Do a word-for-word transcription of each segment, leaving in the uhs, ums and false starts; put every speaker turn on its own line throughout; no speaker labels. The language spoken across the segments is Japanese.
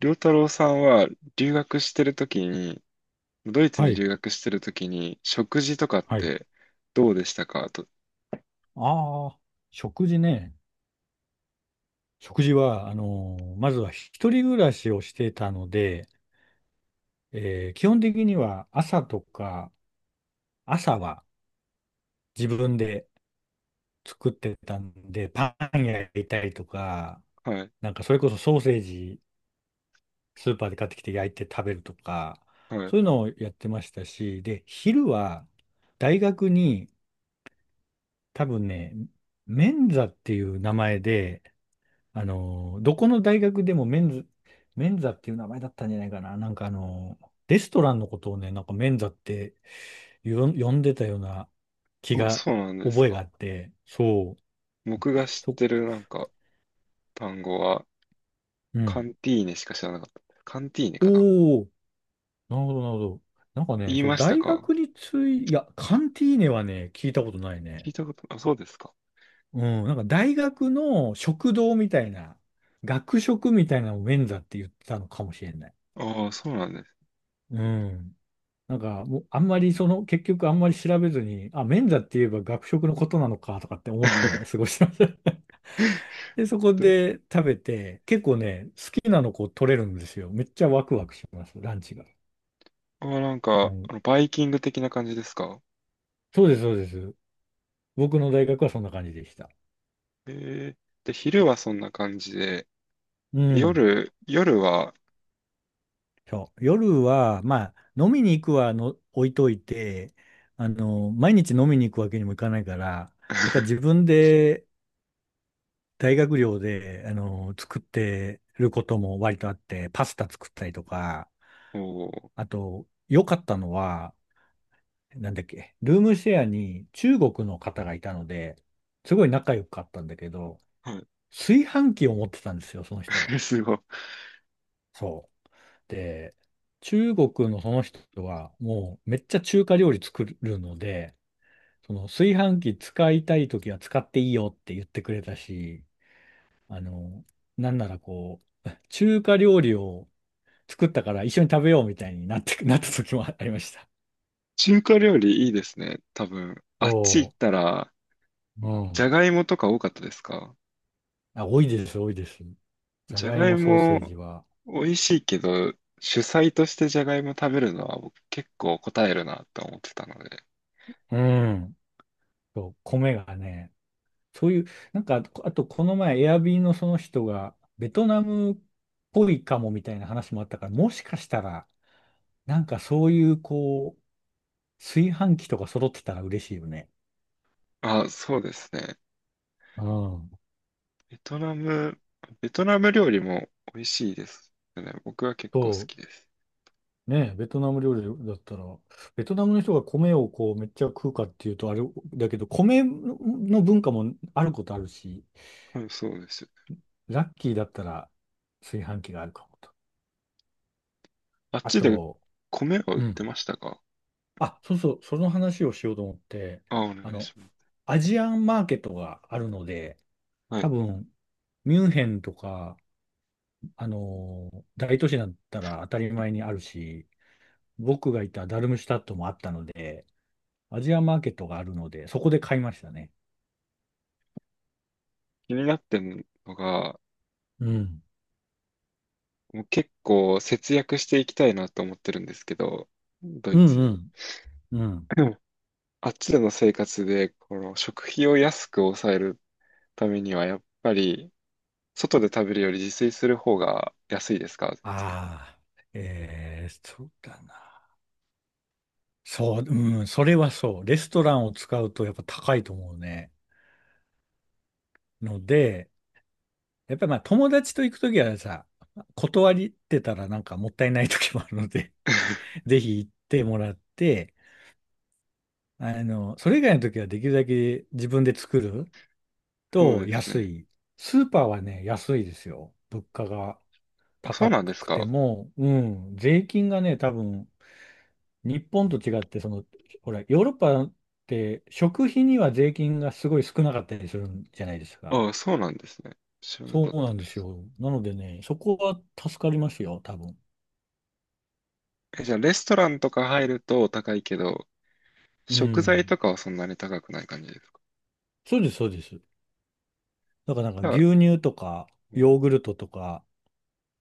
良太郎さんは留学してるときに、ドイツ
は
に
い、
留学してるときに、食事とかっ
はい。
てどうでしたかと。
ああ、食事ね。食事は、あのーまずは一人暮らしをしてたので、えー基本的には朝とか、朝は自分で作ってたんで、パン焼いたりとか、
はい、
なんかそれこそソーセージ、スーパーで買ってきて焼いて食べるとか、
はい。
そういうのをやってましたし、で、昼は大学に多分ね、メンザっていう名前で、あの、どこの大学でもメンズ、メンザっていう名前だったんじゃないかな。なんかあの、レストランのことをね、なんかメンザってよ呼んでたような気
お、
が、
そうなんです
覚えがあ
か。
って、そう、
僕が知っ
そ、
てるなんか単語は、
う
カ
ん。
ンティーネしか知らなかった。カンティーネかなって
おお、なるほど、なるほど。なんか
言
ね、
い
そう、
ました
大
か？
学につい、いや、カンティーネはね、聞いたことない
聞
ね。
いたこと、あ、そうですか。
うん、なんか大学の食堂みたいな、学食みたいなのをメンザって言ってたのかもしれない。
ああ、そうなんです。
うん。なんか、もうあんまりその、結局あんまり調べずに、あ、免座って言えば学食のことなのかとかって思って過ごしてました。で、そこ
で
で食べて、結構ね、好きなのこう取れるんですよ。めっちゃワクワクします、ランチが。
あー、なん
う
か、
ん、
あの、バイキング的な感じですか？
そうです、そうです。僕の大学はそんな感じでした。
えー、で、昼はそんな感じで、
う
で
ん。
夜、夜は、
そう。夜は、まあ、飲みに行くはの置いといて、あの、毎日飲みに行くわけにもいかないから、やっぱり自 分で大学寮で、あの、作ってることも割とあって、パスタ作ったりとか、
おー、
あと、良かったのは、なんだっけ、ルームシェアに中国の方がいたので、すごい仲良かったんだけど、
は
炊飯器を持ってたんですよ、その人が。
い、すごい。
そう。で、中国のその人は、もうめっちゃ中華料理作るので、その炊飯器使いたいときは使っていいよって言ってくれたし、あの、なんならこう、中華料理を作ったから一緒に食べようみたいになって、なった時もありました。
中華料理いいですね。多分、あっち行っ
そ
たら、
う。う
じ
ん。
ゃがいもとか多かったですか？
あ、多いです、多いです。じゃ
じゃ
がい
がい
もソーセー
も
ジは。
美味しいけど、主菜としてじゃがいも食べるのは僕結構答えるなと思ってたので。
うん。そう、米がね、そういう、なんか、あとこの前、エアビーのその人が、ベトナムっぽいかもみたいな話もあったから、もしかしたら、なんかそういう、こう、炊飯器とか揃ってたら嬉しいよね。
あ、そうですね。
うん。
ベトナム、ベトナム料理も美味しいですよね。僕は結構好
と、
きです。
ねえ、ベトナム料理だったら、ベトナムの人が米をこうめっちゃ食うかっていうとあれだけど、米の文化もあることあるし、
はい、そうです。
ラッキーだったら炊飯器があるかもと。
あっ
あ
ちで
と、
米は売
う
っ
ん。
てましたか？
あ、そうそう、その話をしようと思って、
あ、お
あ
願い
の、
します。
アジアンマーケットがあるので、
は
多
い。
分、ミュンヘンとか、あのー大都市だったら当たり前にあるし、僕がいたダルムシュタットもあったので、アジアンマーケットがあるので、そこで買いましたね。
気になってるのが、
うん。
もう結構節約していきたいなと思ってるんですけど、ド
う
イ
ん
ツ
う
に。
ん。うん。
うん。あっちでの生活で、この食費を安く抑えるためには、やっぱり、外で食べるより自炊する方が安いですか？全然。
ああ、えーそうだな。そう、うん、それはそう。レストランを使うとやっぱ高いと思うね。ので、やっぱりまあ友達と行くときはさ、断りってたらなんかもったいないときもあるので、ぜひ行ってもらって、あの、それ以外のときはできるだけ自分で作る
そう
と
です
安
ね。
い。スーパーはね、安いですよ。物価が
あ、そう
高
なんです
くて
か？
も、うん、税金がね、多分、日本と違って、その、ほら、ヨーロッパって食費には税金がすごい少なかったりするんじゃないですか。
ああ、そうなんですね。知らな
そ
かっ
うな
た。
んですよ。なのでね、そこは助かりますよ、多分。
え、じゃあ、レストランとか入ると高いけど、
う
食材
ん。
とかはそんなに高くない感じですか？
そうです、そうです。だからなんか
じゃあ、
牛乳とか、
うん。
ヨーグルトとか、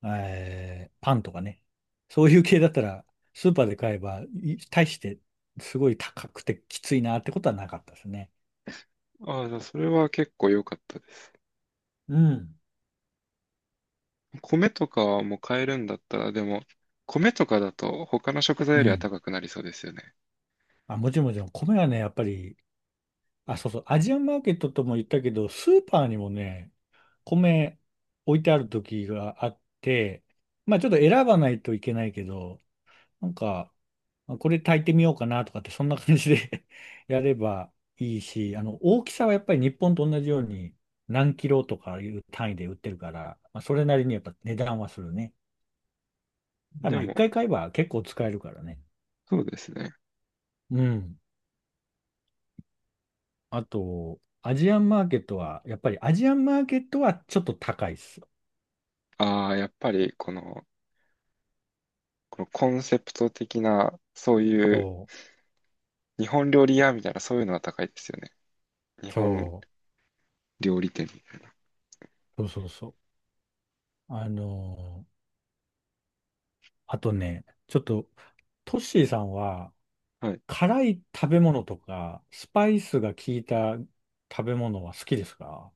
えーパンとかね。そういう系だったら、スーパーで買えば、い大して、すごい高くてきついなってことはなかったですね。
ああ、じゃあ、それは結構良かったです。
うん。
米とかはもう買えるんだったら、でも、米とかだと他の食材
う
よりは
ん。
高くなりそうですよね。
あ、もちろんもちろん、米はね、やっぱりあ、そうそう、アジアンマーケットとも言ったけど、スーパーにもね、米置いてある時があって、まあちょっと選ばないといけないけど、なんか、まあこれ炊いてみようかなとかって、そんな感じで やればいいし、あの、大きさはやっぱり日本と同じように何キロとかいう単位で売ってるから、まあ、それなりにやっぱ値段はするね。ただ
で
まあ一
も、
回買えば結構使えるからね。
そうですね。
うん。あと、アジアンマーケットは、やっぱりアジアンマーケットはちょっと高いです。
ああ、やっぱりこの、このコンセプト的な、そういう
そ
日本料理屋みたいな、そういうのは高いですよね。日
う、
本
そ
料理店に。
うそうそうそう。あのーあとね、ちょっと、トッシーさんは、
はい。
辛い食べ物とか、スパイスが効いた食べ物は好きですか？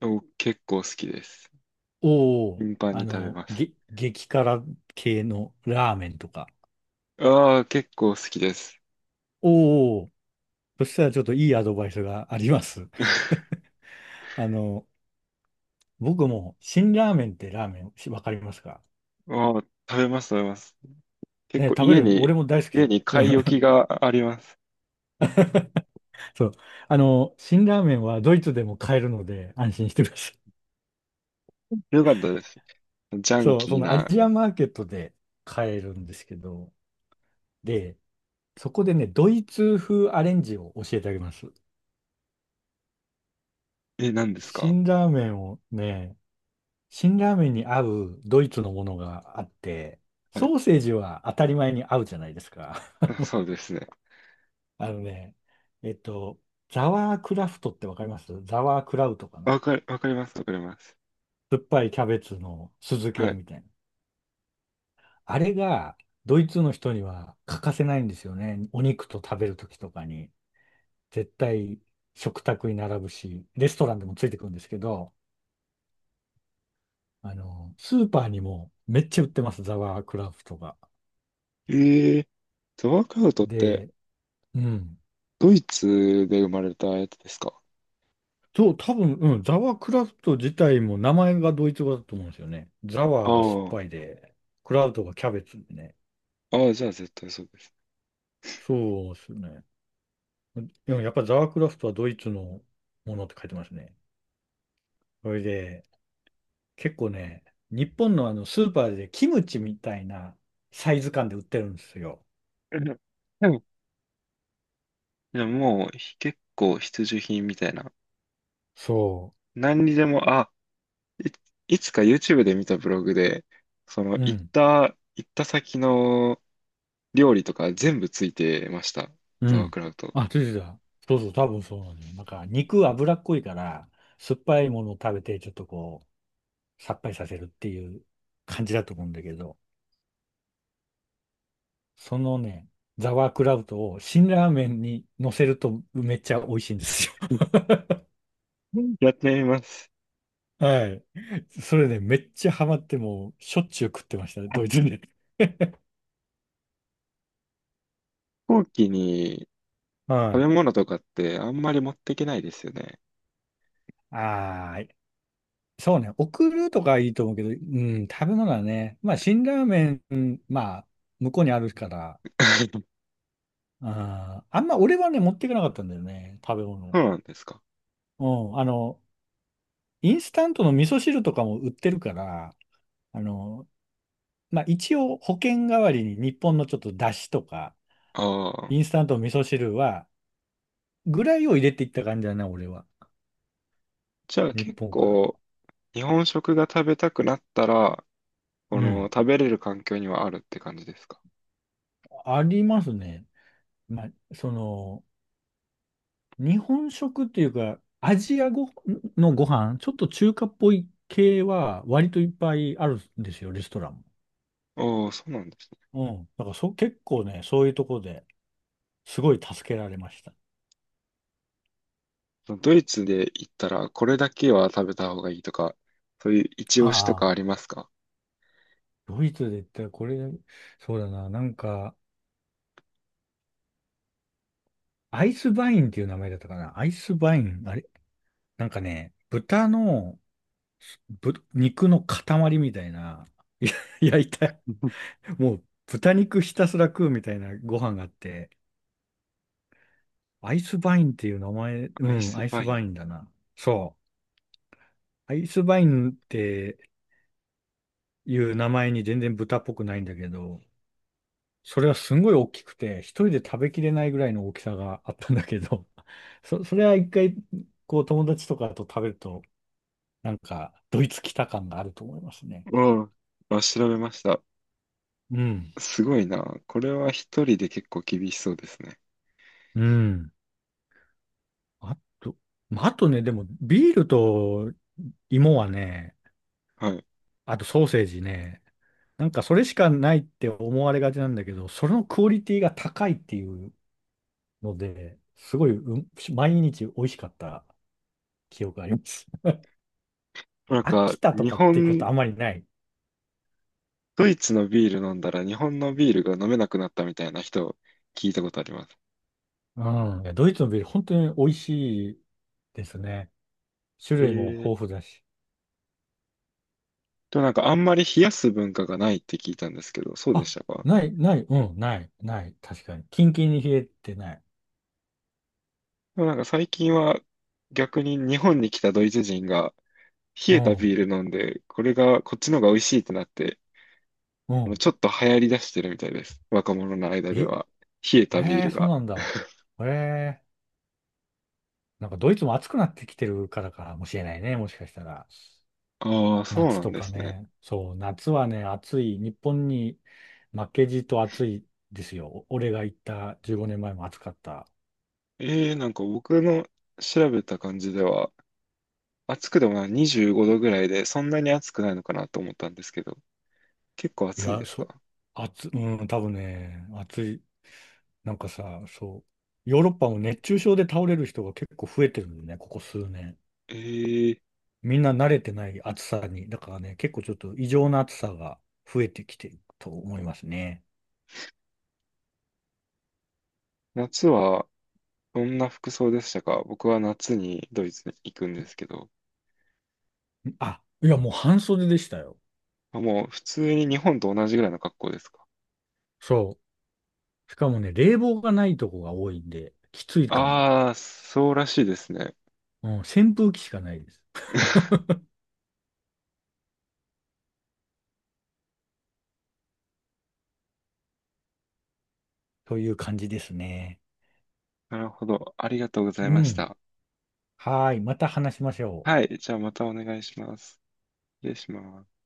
お、結構好きです。
おおー、
頻繁
あ
に食べ
の、
ます。
げ、激辛系のラーメンとか。
ああ、結構好きです。
おお、そしたらちょっといいアドバイスがあります。あの、僕も、辛ラーメンってラーメン、しわかりますか？
ああ、食べます、食べます。結構
ね、食べ
家
る、
に、
俺も大好き
家
で
に買い置 きがあります。
そう。あの、辛ラーメンはドイツでも買えるので安心してください。
よかったです。ジャン
そう、
キ
そ
ー
のア
な、
ジアマーケットで買えるんですけど、で、そこでね、ドイツ風アレンジを教えてあげます。
え、何ですか？
辛ラーメンをね、辛ラーメンに合うドイツのものがあって、
はい。
ソーセージは当たり前に合うじゃないですか。
あ、そうですね。
あのね、えっと、ザワークラフトってわかります？ザワークラウトかな？
わかる、わかります、わかります。
酸っぱいキャベツの酢漬け
は
みたいな。あれがドイツの人には欠かせないんですよね。お肉と食べるときとかに。絶対食卓に並ぶし、レストランでもついてくるんですけど、あの、スーパーにもめっちゃ売ってます、ザワークラフトが。
い。えーと、ワークアウトって、
で、うん。
ドイツで生まれたやつですか？
そう、多分、うん、ザワークラフト自体も名前がドイツ語だと思うんですよね。ザワーが酸っ
あ
ぱいで、クラウトがキャベツでね。
あ、ああ、じゃあ絶対そうです。
そうですよね。でもやっぱザワークラフトはドイツのものって書いてますね。それで、結構ね、日本のあのスーパーでキムチみたいなサイズ感で売ってるんですよ。
え、でも、でもでももうひ結構必需品みたいな。
そ
何にでも、あ、い、いつか YouTube で見たブログで、その
う。う
行っ
ん。
た、行った先の料理とか全部ついてました。
う
ザワー
ん。
クラウト。
あ、出てた。そうそう、多分そうなのよ。なんか肉脂っこいから、酸っぱいものを食べてちょっとこう、さっぱりさせるっていう感じだと思うんだけど、そのね、ザワークラウトを辛ラーメンに乗せるとめっちゃ美味しいんですよ。
うん、やってみます。
はい。それね、めっちゃハマってもうしょっちゅう食ってましたね、
あ、
ド
飛
イツで。
行機に
は
食べ
い。
物とかってあんまり持っていけないですよね。
はーい。そうね、送るとかいいと思うけど、うん、食べ物はね、まあ、辛ラーメン、まあ、向こうにあるから、あー、あんま俺はね、持っていかなかったんだよね、食べ物。
そうなんですか。
うん、あの、インスタントの味噌汁とかも売ってるから、あの、まあ、一応保険代わりに日本のちょっと出汁とか、
ああ。
インスタントの味噌汁は、ぐらいを入れていった感じだな、俺は。
じゃあ
日
結
本から。
構、日本食が食べたくなったら、こ
う
の
ん。
食べれる環境にはあるって感じですか。
ありますね。まあ、その、日本食っていうか、アジアごのご飯、ちょっと中華っぽい系は割といっぱいあるんですよ、レストラン
ああ、そうなんですね。
も。うん。だからそ、結構ね、そういうところですごい助けられました。
そのドイツで行ったら、これだけは食べた方がいいとか、そういう一
あ
押しとかあり
あ。
ますか？
ドイツで言ったらこれ、そうだな、なんか、アイスバインっていう名前だったかな。アイスバイン、あれなんかね、豚の、ぶ、肉の塊みたいな、いや 焼いた、
うん
もう豚肉ひたすら食うみたいなご飯があって、アイスバインっていう名前、う
アイ
ん、
ス
アイス
バイ
バ
ン。
インだな。そう。アイスバインっていう名前に全然豚っぽくないんだけど、それはすんごい大きくて、一人で食べきれないぐらいの大きさがあったんだけど、そ、それは一回、こう友達とかと食べると、なんか、ドイツ来た感があると思いますね。
うん。あ、調べました。
うん。
すごいな。これは一人で結構厳しそうですね。
うん。あと、まああとね、でも、ビールと芋はね、
はい。
あとソーセージね、なんかそれしかないって思われがちなんだけど、そのクオリティが高いっていうので、すごい、うん、毎日美味しかった記憶があります。
なん
飽
か、
きたと
日
かってこと
本
あまりない。
ドイツのビール飲んだら日本のビールが飲めなくなったみたいな人聞いたことあります。
うん。いやドイツのビール本当に美味しいですね。種
え
類も
ー、
豊富だし。
でもなんかあんまり冷やす文化がないって聞いたんですけど、そうでし
あ、
たか？
ない、ない、うん、ない、ない。確かに。キンキンに冷えてない。
でもなんか最近は逆に日本に来たドイツ人が冷
う
えたビ
ん、
ール飲んで、これがこっちの方が美味しいってなって、
うん。
ちょっと流行り出してるみたいです。若者の間
え、
では。冷えたビー
え
ル
ー、そう
が。
なんだ。えー、なんかドイツも暑くなってきてるからかもしれないね。もしかしたら。
ああ、そう
夏
なん
と
で
か
すね。
ね。そう、夏はね、暑い。日本に負けじと暑いですよ。お俺が行ったじゅうごねんまえも暑かった。
えー、なんか僕の調べた感じでは、暑くでもない、にじゅうごどぐらいで、そんなに暑くないのかなと思ったんですけど、結構
い
暑いん
や、
です
そ
か？
う、暑、うん、多分ね、暑い。なんかさ、そう、ヨーロッパも熱中症で倒れる人が結構増えてるんだよね、ここ数年。
えー、
みんな慣れてない暑さに。だからね、結構ちょっと異常な暑さが増えてきてると思いますね。
夏はどんな服装でしたか？僕は夏にドイツに行くんですけど、
あ、いや、もう半袖でしたよ。
あ、もう普通に日本と同じぐらいの格好ですか？
そう。しかもね、冷房がないとこが多いんで、きついかも。
ああー、そうらしいですね。
うん、扇風機しかないです。という感じですね。
なるほど。ありがとうござい
う
まし
ん。
た。
はーい。また話しましょう。
はい。じゃあまたお願いします。失礼します。